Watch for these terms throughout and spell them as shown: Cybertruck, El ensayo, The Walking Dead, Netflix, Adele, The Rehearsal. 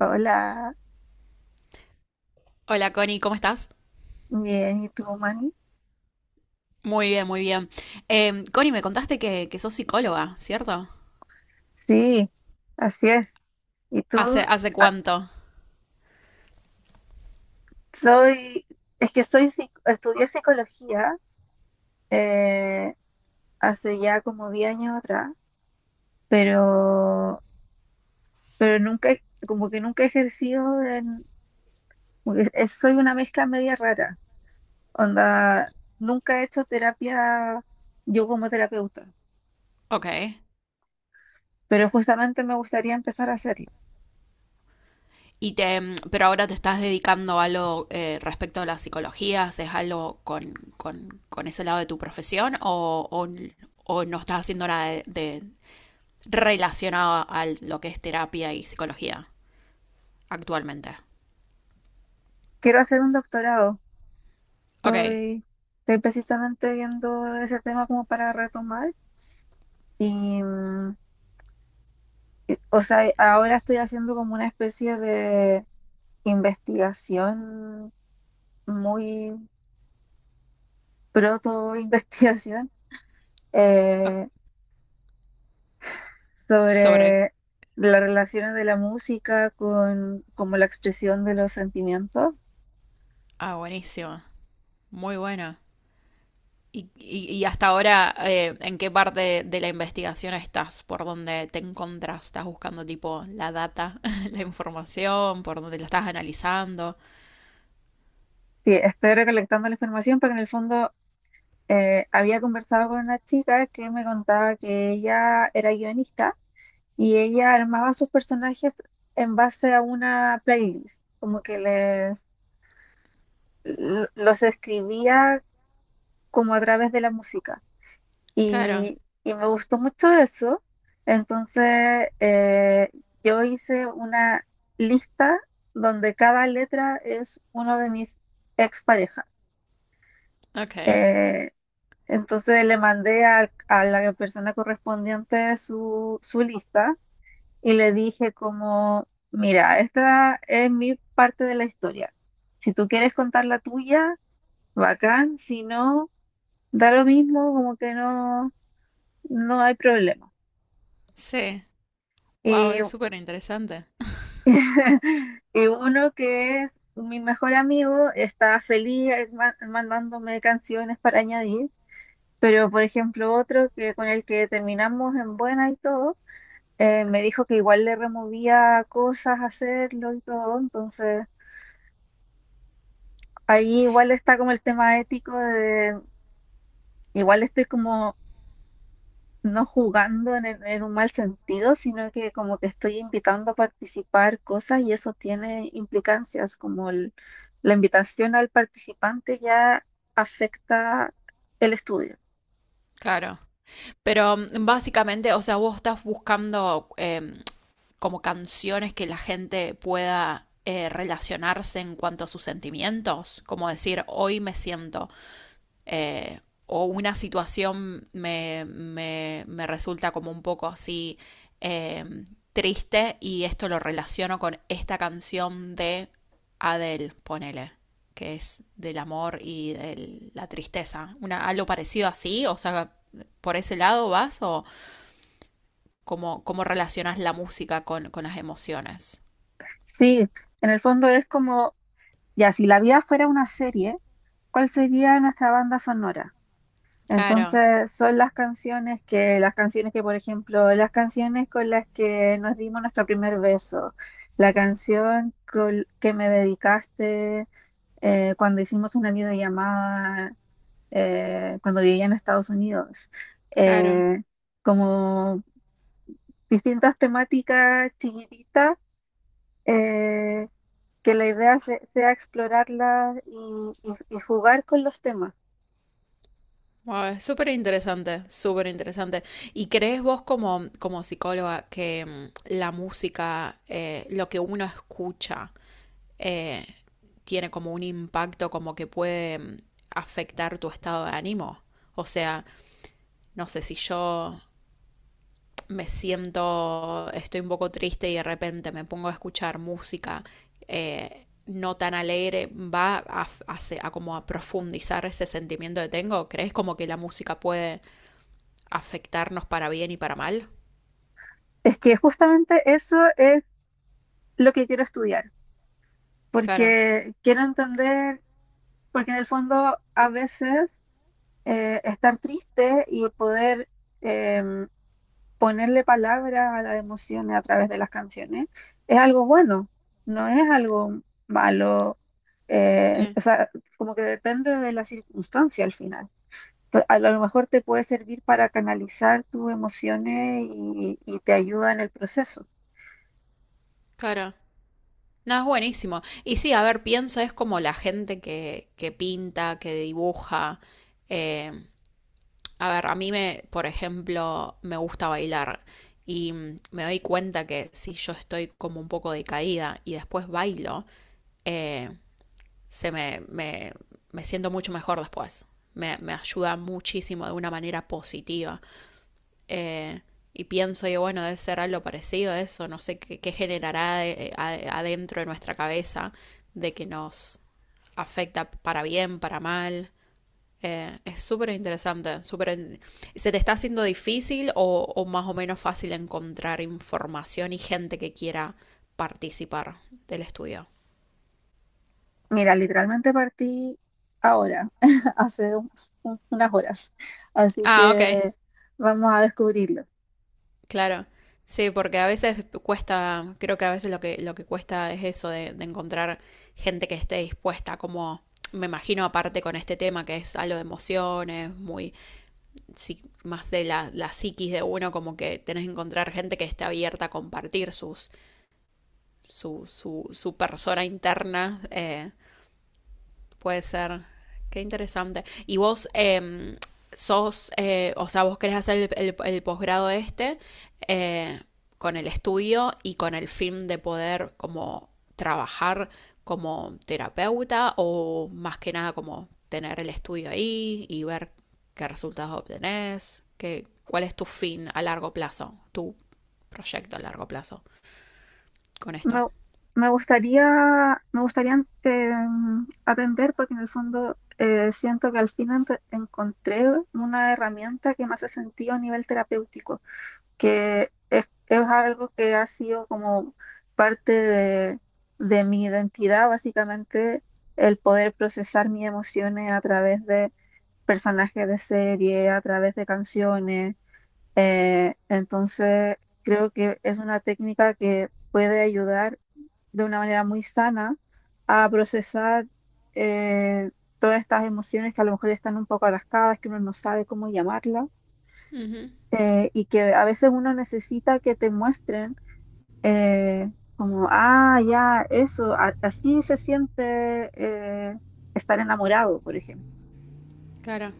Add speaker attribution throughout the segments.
Speaker 1: Hola,
Speaker 2: Hola Connie, ¿cómo estás?
Speaker 1: bien, ¿y tú, Manny?
Speaker 2: Muy bien, muy bien. Connie, me contaste que sos psicóloga, ¿cierto?
Speaker 1: Sí, así es. Y tú,
Speaker 2: ¿Hace
Speaker 1: ah,
Speaker 2: cuánto?
Speaker 1: soy, es que soy, estudié psicología eh, hace ya como 10 años atrás, pero, pero nunca, como que nunca he ejercido en, como que soy una mezcla media rara, onda, nunca he hecho terapia yo como terapeuta,
Speaker 2: Ok.
Speaker 1: pero justamente me gustaría empezar a hacerlo.
Speaker 2: Y te, pero ahora te estás dedicando a algo respecto a la psicología, ¿haces algo con ese lado de tu profesión o no estás haciendo nada relacionado a lo que es terapia y psicología actualmente?
Speaker 1: Quiero hacer un doctorado.
Speaker 2: Ok.
Speaker 1: Estoy, estoy precisamente viendo ese tema como para retomar y, mm, y o sea, ahora estoy haciendo como una especie de investigación, muy proto-investigación,
Speaker 2: O-
Speaker 1: eh,
Speaker 2: Sobre...
Speaker 1: sobre las relaciones de la música con como la expresión de los sentimientos.
Speaker 2: Ah, buenísimo. Muy bueno. Y, y hasta ahora, ¿en qué parte de la investigación estás? ¿Por dónde te encontras? ¿Estás buscando tipo la data, la información? ¿Por dónde la estás analizando?
Speaker 1: Sí, estoy recolectando la información porque en el fondo había conversado con una chica que me contaba que ella era guionista. Y ella armaba sus personajes en base a una playlist, como que les los escribía como a través de la música.
Speaker 2: Claro,
Speaker 1: Y me gustó mucho eso. Entonces yo hice una lista donde cada letra es uno de mis exparejas.
Speaker 2: ok.
Speaker 1: Eh, entonces le mandé a la persona correspondiente su lista y le dije como, mira, esta es mi parte de la historia. Si tú quieres contar la tuya, bacán, si no, da lo mismo, como que no, no hay problema.
Speaker 2: Sí, wow,
Speaker 1: Y,
Speaker 2: es súper interesante.
Speaker 1: y uno que es mi mejor amigo está feliz mandándome canciones para añadir, pero por ejemplo otro que con el que terminamos en buena y todo, me dijo que igual le removía cosas hacerlo y todo, entonces... Ahí igual está como el tema ético de, igual estoy como no jugando en, en un mal sentido, sino que como que estoy invitando a participar cosas y eso tiene implicancias, como la invitación al participante ya afecta el estudio.
Speaker 2: Claro. Pero mm, básicamente, o sea, vos estás buscando como canciones que la gente pueda relacionarse en cuanto a sus sentimientos, como decir, hoy me siento eh, o una situación me resulta como un poco así eh, triste y esto lo relaciono con esta canción de Adele, ponele, que es del amor y de la tristeza. Una, algo parecido así, o sea, por ese lado vas o cómo, cómo relacionas la música con las emociones.
Speaker 1: Sí, en el fondo es como, ya, si la vida fuera una serie, ¿cuál sería nuestra banda sonora?
Speaker 2: Claro,
Speaker 1: Entonces son las canciones las canciones que, por ejemplo, las canciones con las que nos dimos nuestro primer beso, la canción que me dedicaste cuando hicimos una videollamada, cuando vivía en Estados Unidos,
Speaker 2: claro.
Speaker 1: eh, como distintas temáticas chiquititas, eh, que la idea sea explorarlas y y jugar con los temas.
Speaker 2: Wow, es súper interesante, súper interesante. ¿Y crees vos como, como psicóloga que mm, la música, lo que uno escucha, eh, tiene como un impacto, como que puede mm, afectar tu estado de ánimo? O sea, no sé si yo me siento, estoy un poco triste y de repente me pongo a escuchar música no tan alegre, va a, a a como a profundizar ese sentimiento que tengo. ¿Crees como que la música puede afectarnos para bien y para mal?
Speaker 1: Es que justamente eso es lo que quiero estudiar
Speaker 2: Cara.
Speaker 1: porque quiero entender, porque en el fondo a veces estar triste y poder em, ponerle palabras a las emociones a través de las canciones es algo bueno, no es algo malo,
Speaker 2: Sí,
Speaker 1: o sea, como que depende de la circunstancia al final. Entonces, a lo mejor te puede servir para canalizar tus emociones y te ayuda en el proceso.
Speaker 2: cara. No, es buenísimo. Y sí, a ver, pienso, es como la gente que pinta, que dibuja. Eh, a ver, a mí, me, por ejemplo, me gusta bailar y mm, me doy cuenta que si yo estoy como un poco decaída y después bailo, eh, se me, me, me siento mucho mejor después. Me ayuda muchísimo de una manera positiva. Eh, y pienso, digo, bueno, debe ser algo parecido a eso, no sé qué, qué generará adentro de nuestra cabeza de que nos afecta para bien, para mal. Es súper interesante, súper... ¿Se te está haciendo difícil o más o menos fácil encontrar información y gente que quiera participar del estudio?
Speaker 1: Mira, literalmente partí ahora, hace unas horas, así
Speaker 2: Ah,
Speaker 1: que
Speaker 2: ok.
Speaker 1: vamos a descubrirlo.
Speaker 2: Claro, sí, porque a veces cuesta, creo que a veces lo que cuesta es eso de encontrar gente que esté dispuesta, como me imagino aparte con este tema que es algo de emociones, muy sí, más de la, la psiquis de uno, como que tenés que encontrar gente que esté abierta a compartir sus, su persona interna puede ser. Qué interesante. ¿Y vos sos, o sea, vos querés hacer el, el posgrado este eh, con el estudio y con el fin de poder como trabajar como terapeuta o más que nada como tener el estudio ahí y ver qué resultados obtenés? ¿Qué, cuál es tu fin a largo plazo, tu proyecto a largo plazo con esto?
Speaker 1: Me, me gustaría atender porque en el fondo siento que al fin encontré una herramienta que me hace sentido a nivel terapéutico, es algo que ha sido como parte de mi identidad, básicamente el poder procesar mis emociones a través de personajes de serie, a través de canciones. Entonces, creo que es una técnica que puede ayudar de una manera muy sana a procesar eh, todas estas emociones que a lo mejor están un poco atascadas, que uno no sabe cómo llamarlas,
Speaker 2: Ujú,
Speaker 1: y que a veces uno necesita que te muestren eh, como, ah, ya, eso, así se siente estar enamorado, por ejemplo.
Speaker 2: claro.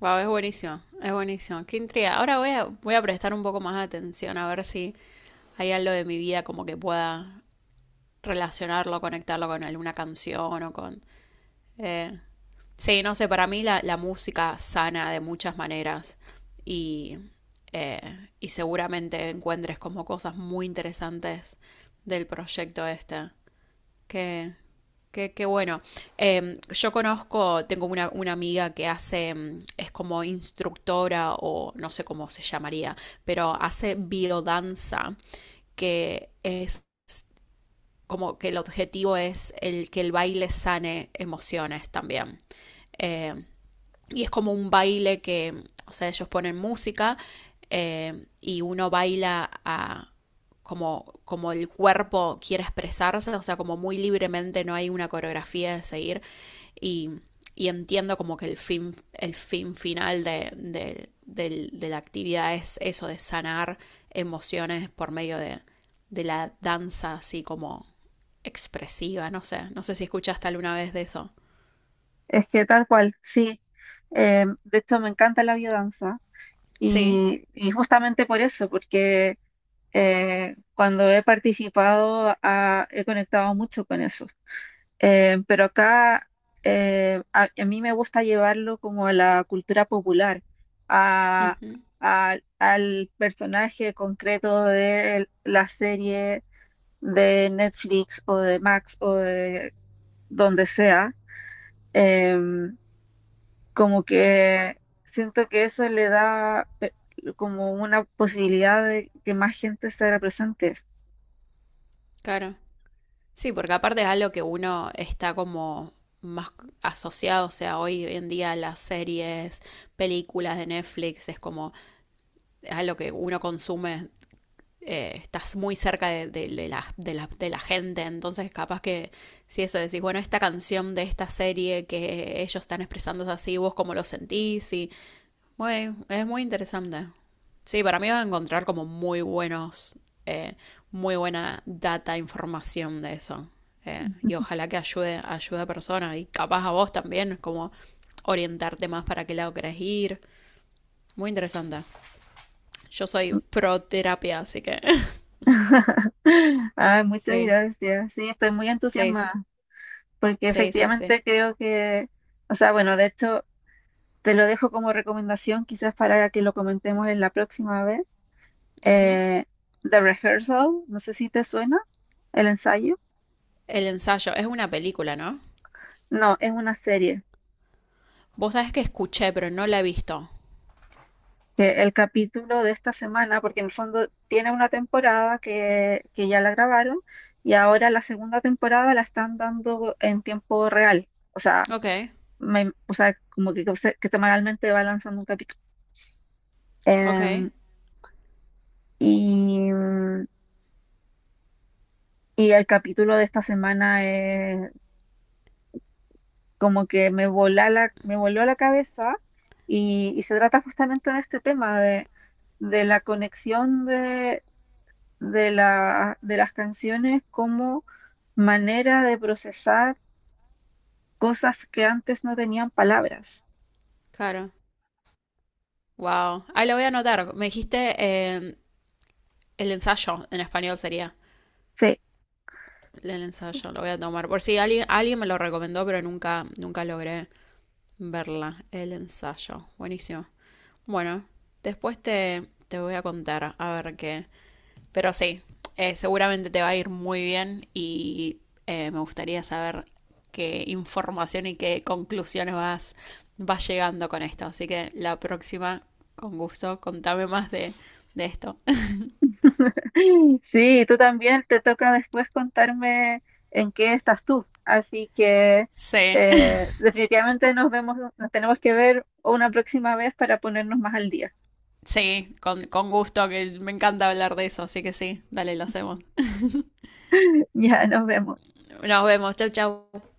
Speaker 2: Wow, es buenísimo, es buenísimo. Qué intriga. Ahora voy a, voy a prestar un poco más de atención a ver si hay algo de mi vida como que pueda relacionarlo, conectarlo con alguna canción o con... eh, sí, no sé, para mí la, la música sana de muchas maneras y, y seguramente encuentres como cosas muy interesantes del proyecto este. Qué, qué, qué bueno. Yo conozco, tengo una amiga que hace, em, es como instructora o no sé cómo se llamaría, pero hace biodanza, que es como que el objetivo es el que el baile sane emociones también. Em, y es como un baile que, o sea, ellos ponen música y uno baila a, como, como el cuerpo quiere expresarse, o sea, como muy libremente, no hay una coreografía de seguir. Y, y entiendo como que el fin final de la actividad es eso, de sanar emociones de la danza así como expresiva, no sé, no sé si escuchaste alguna vez de eso.
Speaker 1: Es que tal cual, sí. De hecho, me encanta la biodanza
Speaker 2: Sí,
Speaker 1: y justamente por eso, porque cuando he participado ah, he conectado mucho con eso. Pero acá a mí me gusta llevarlo como a la cultura popular, a-
Speaker 2: ujú,
Speaker 1: al personaje concreto de la serie de Netflix o de Max o de donde sea. em, como que siento que eso le da como una posibilidad de que más gente se haga presente.
Speaker 2: claro. Sí, porque aparte es algo que uno está como más asociado, o sea, hoy en día las series, películas de Netflix, es como, es algo que uno consume, estás muy cerca de la gente, entonces capaz que si eso decís, bueno, esta canción de esta serie que ellos están expresando es así, vos cómo lo sentís, y güey, es muy interesante. Sí, para mí vas a encontrar como muy buenos, eh, muy buena data, información de eso. Y ojalá que ayude, ayude a personas y capaz a vos también, como orientarte más para qué lado querés ir. Muy interesante. Yo soy pro terapia, así que
Speaker 1: Ay, muchas
Speaker 2: sí,
Speaker 1: gracias. Sí, estoy muy
Speaker 2: sí,
Speaker 1: entusiasmada
Speaker 2: sí,
Speaker 1: porque
Speaker 2: sí, sí, sí.
Speaker 1: efectivamente creo que, o sea, bueno, de hecho, te lo dejo como recomendación quizás para que lo comentemos en la próxima vez.
Speaker 2: Ujú.
Speaker 1: Eh, The Rehearsal, no sé si te suena, el ensayo.
Speaker 2: El ensayo es una película, ¿no?
Speaker 1: No, es una serie.
Speaker 2: Vos sabés que escuché, pero no la he visto.
Speaker 1: Que el capítulo de esta semana, porque en el fondo tiene una temporada que ya la grabaron y ahora la segunda temporada la están dando en tiempo real. O sea,
Speaker 2: Ok,
Speaker 1: o sea como que, que semanalmente va lanzando un capítulo.
Speaker 2: ok,
Speaker 1: Em, y, y el capítulo de esta semana es como que me voló la cabeza y se trata justamente de este tema de la conexión de la, de las canciones como manera de procesar cosas que antes no tenían palabras.
Speaker 2: claro. Wow. Ahí lo voy a anotar. Me dijiste el ensayo, en español sería.
Speaker 1: Sí,
Speaker 2: El ensayo, lo voy a tomar. Por si alguien, alguien me lo recomendó, pero nunca, nunca logré verla. El ensayo. Buenísimo. Bueno, después te, te voy a contar a ver qué. Pero sí, seguramente te va a ir muy bien y me gustaría saber qué información y qué conclusiones vas, vas llegando con esto. Así que la próxima, con gusto, contame más de esto.
Speaker 1: sí, tú también te toca después contarme en qué estás tú. Así que
Speaker 2: Sí,
Speaker 1: definitivamente nos vemos, nos tenemos que ver una próxima vez para ponernos más al día.
Speaker 2: sí, con gusto, que me encanta hablar de eso, así que sí, dale, lo hacemos.
Speaker 1: Ya nos vemos.
Speaker 2: Nos vemos, chau, chau.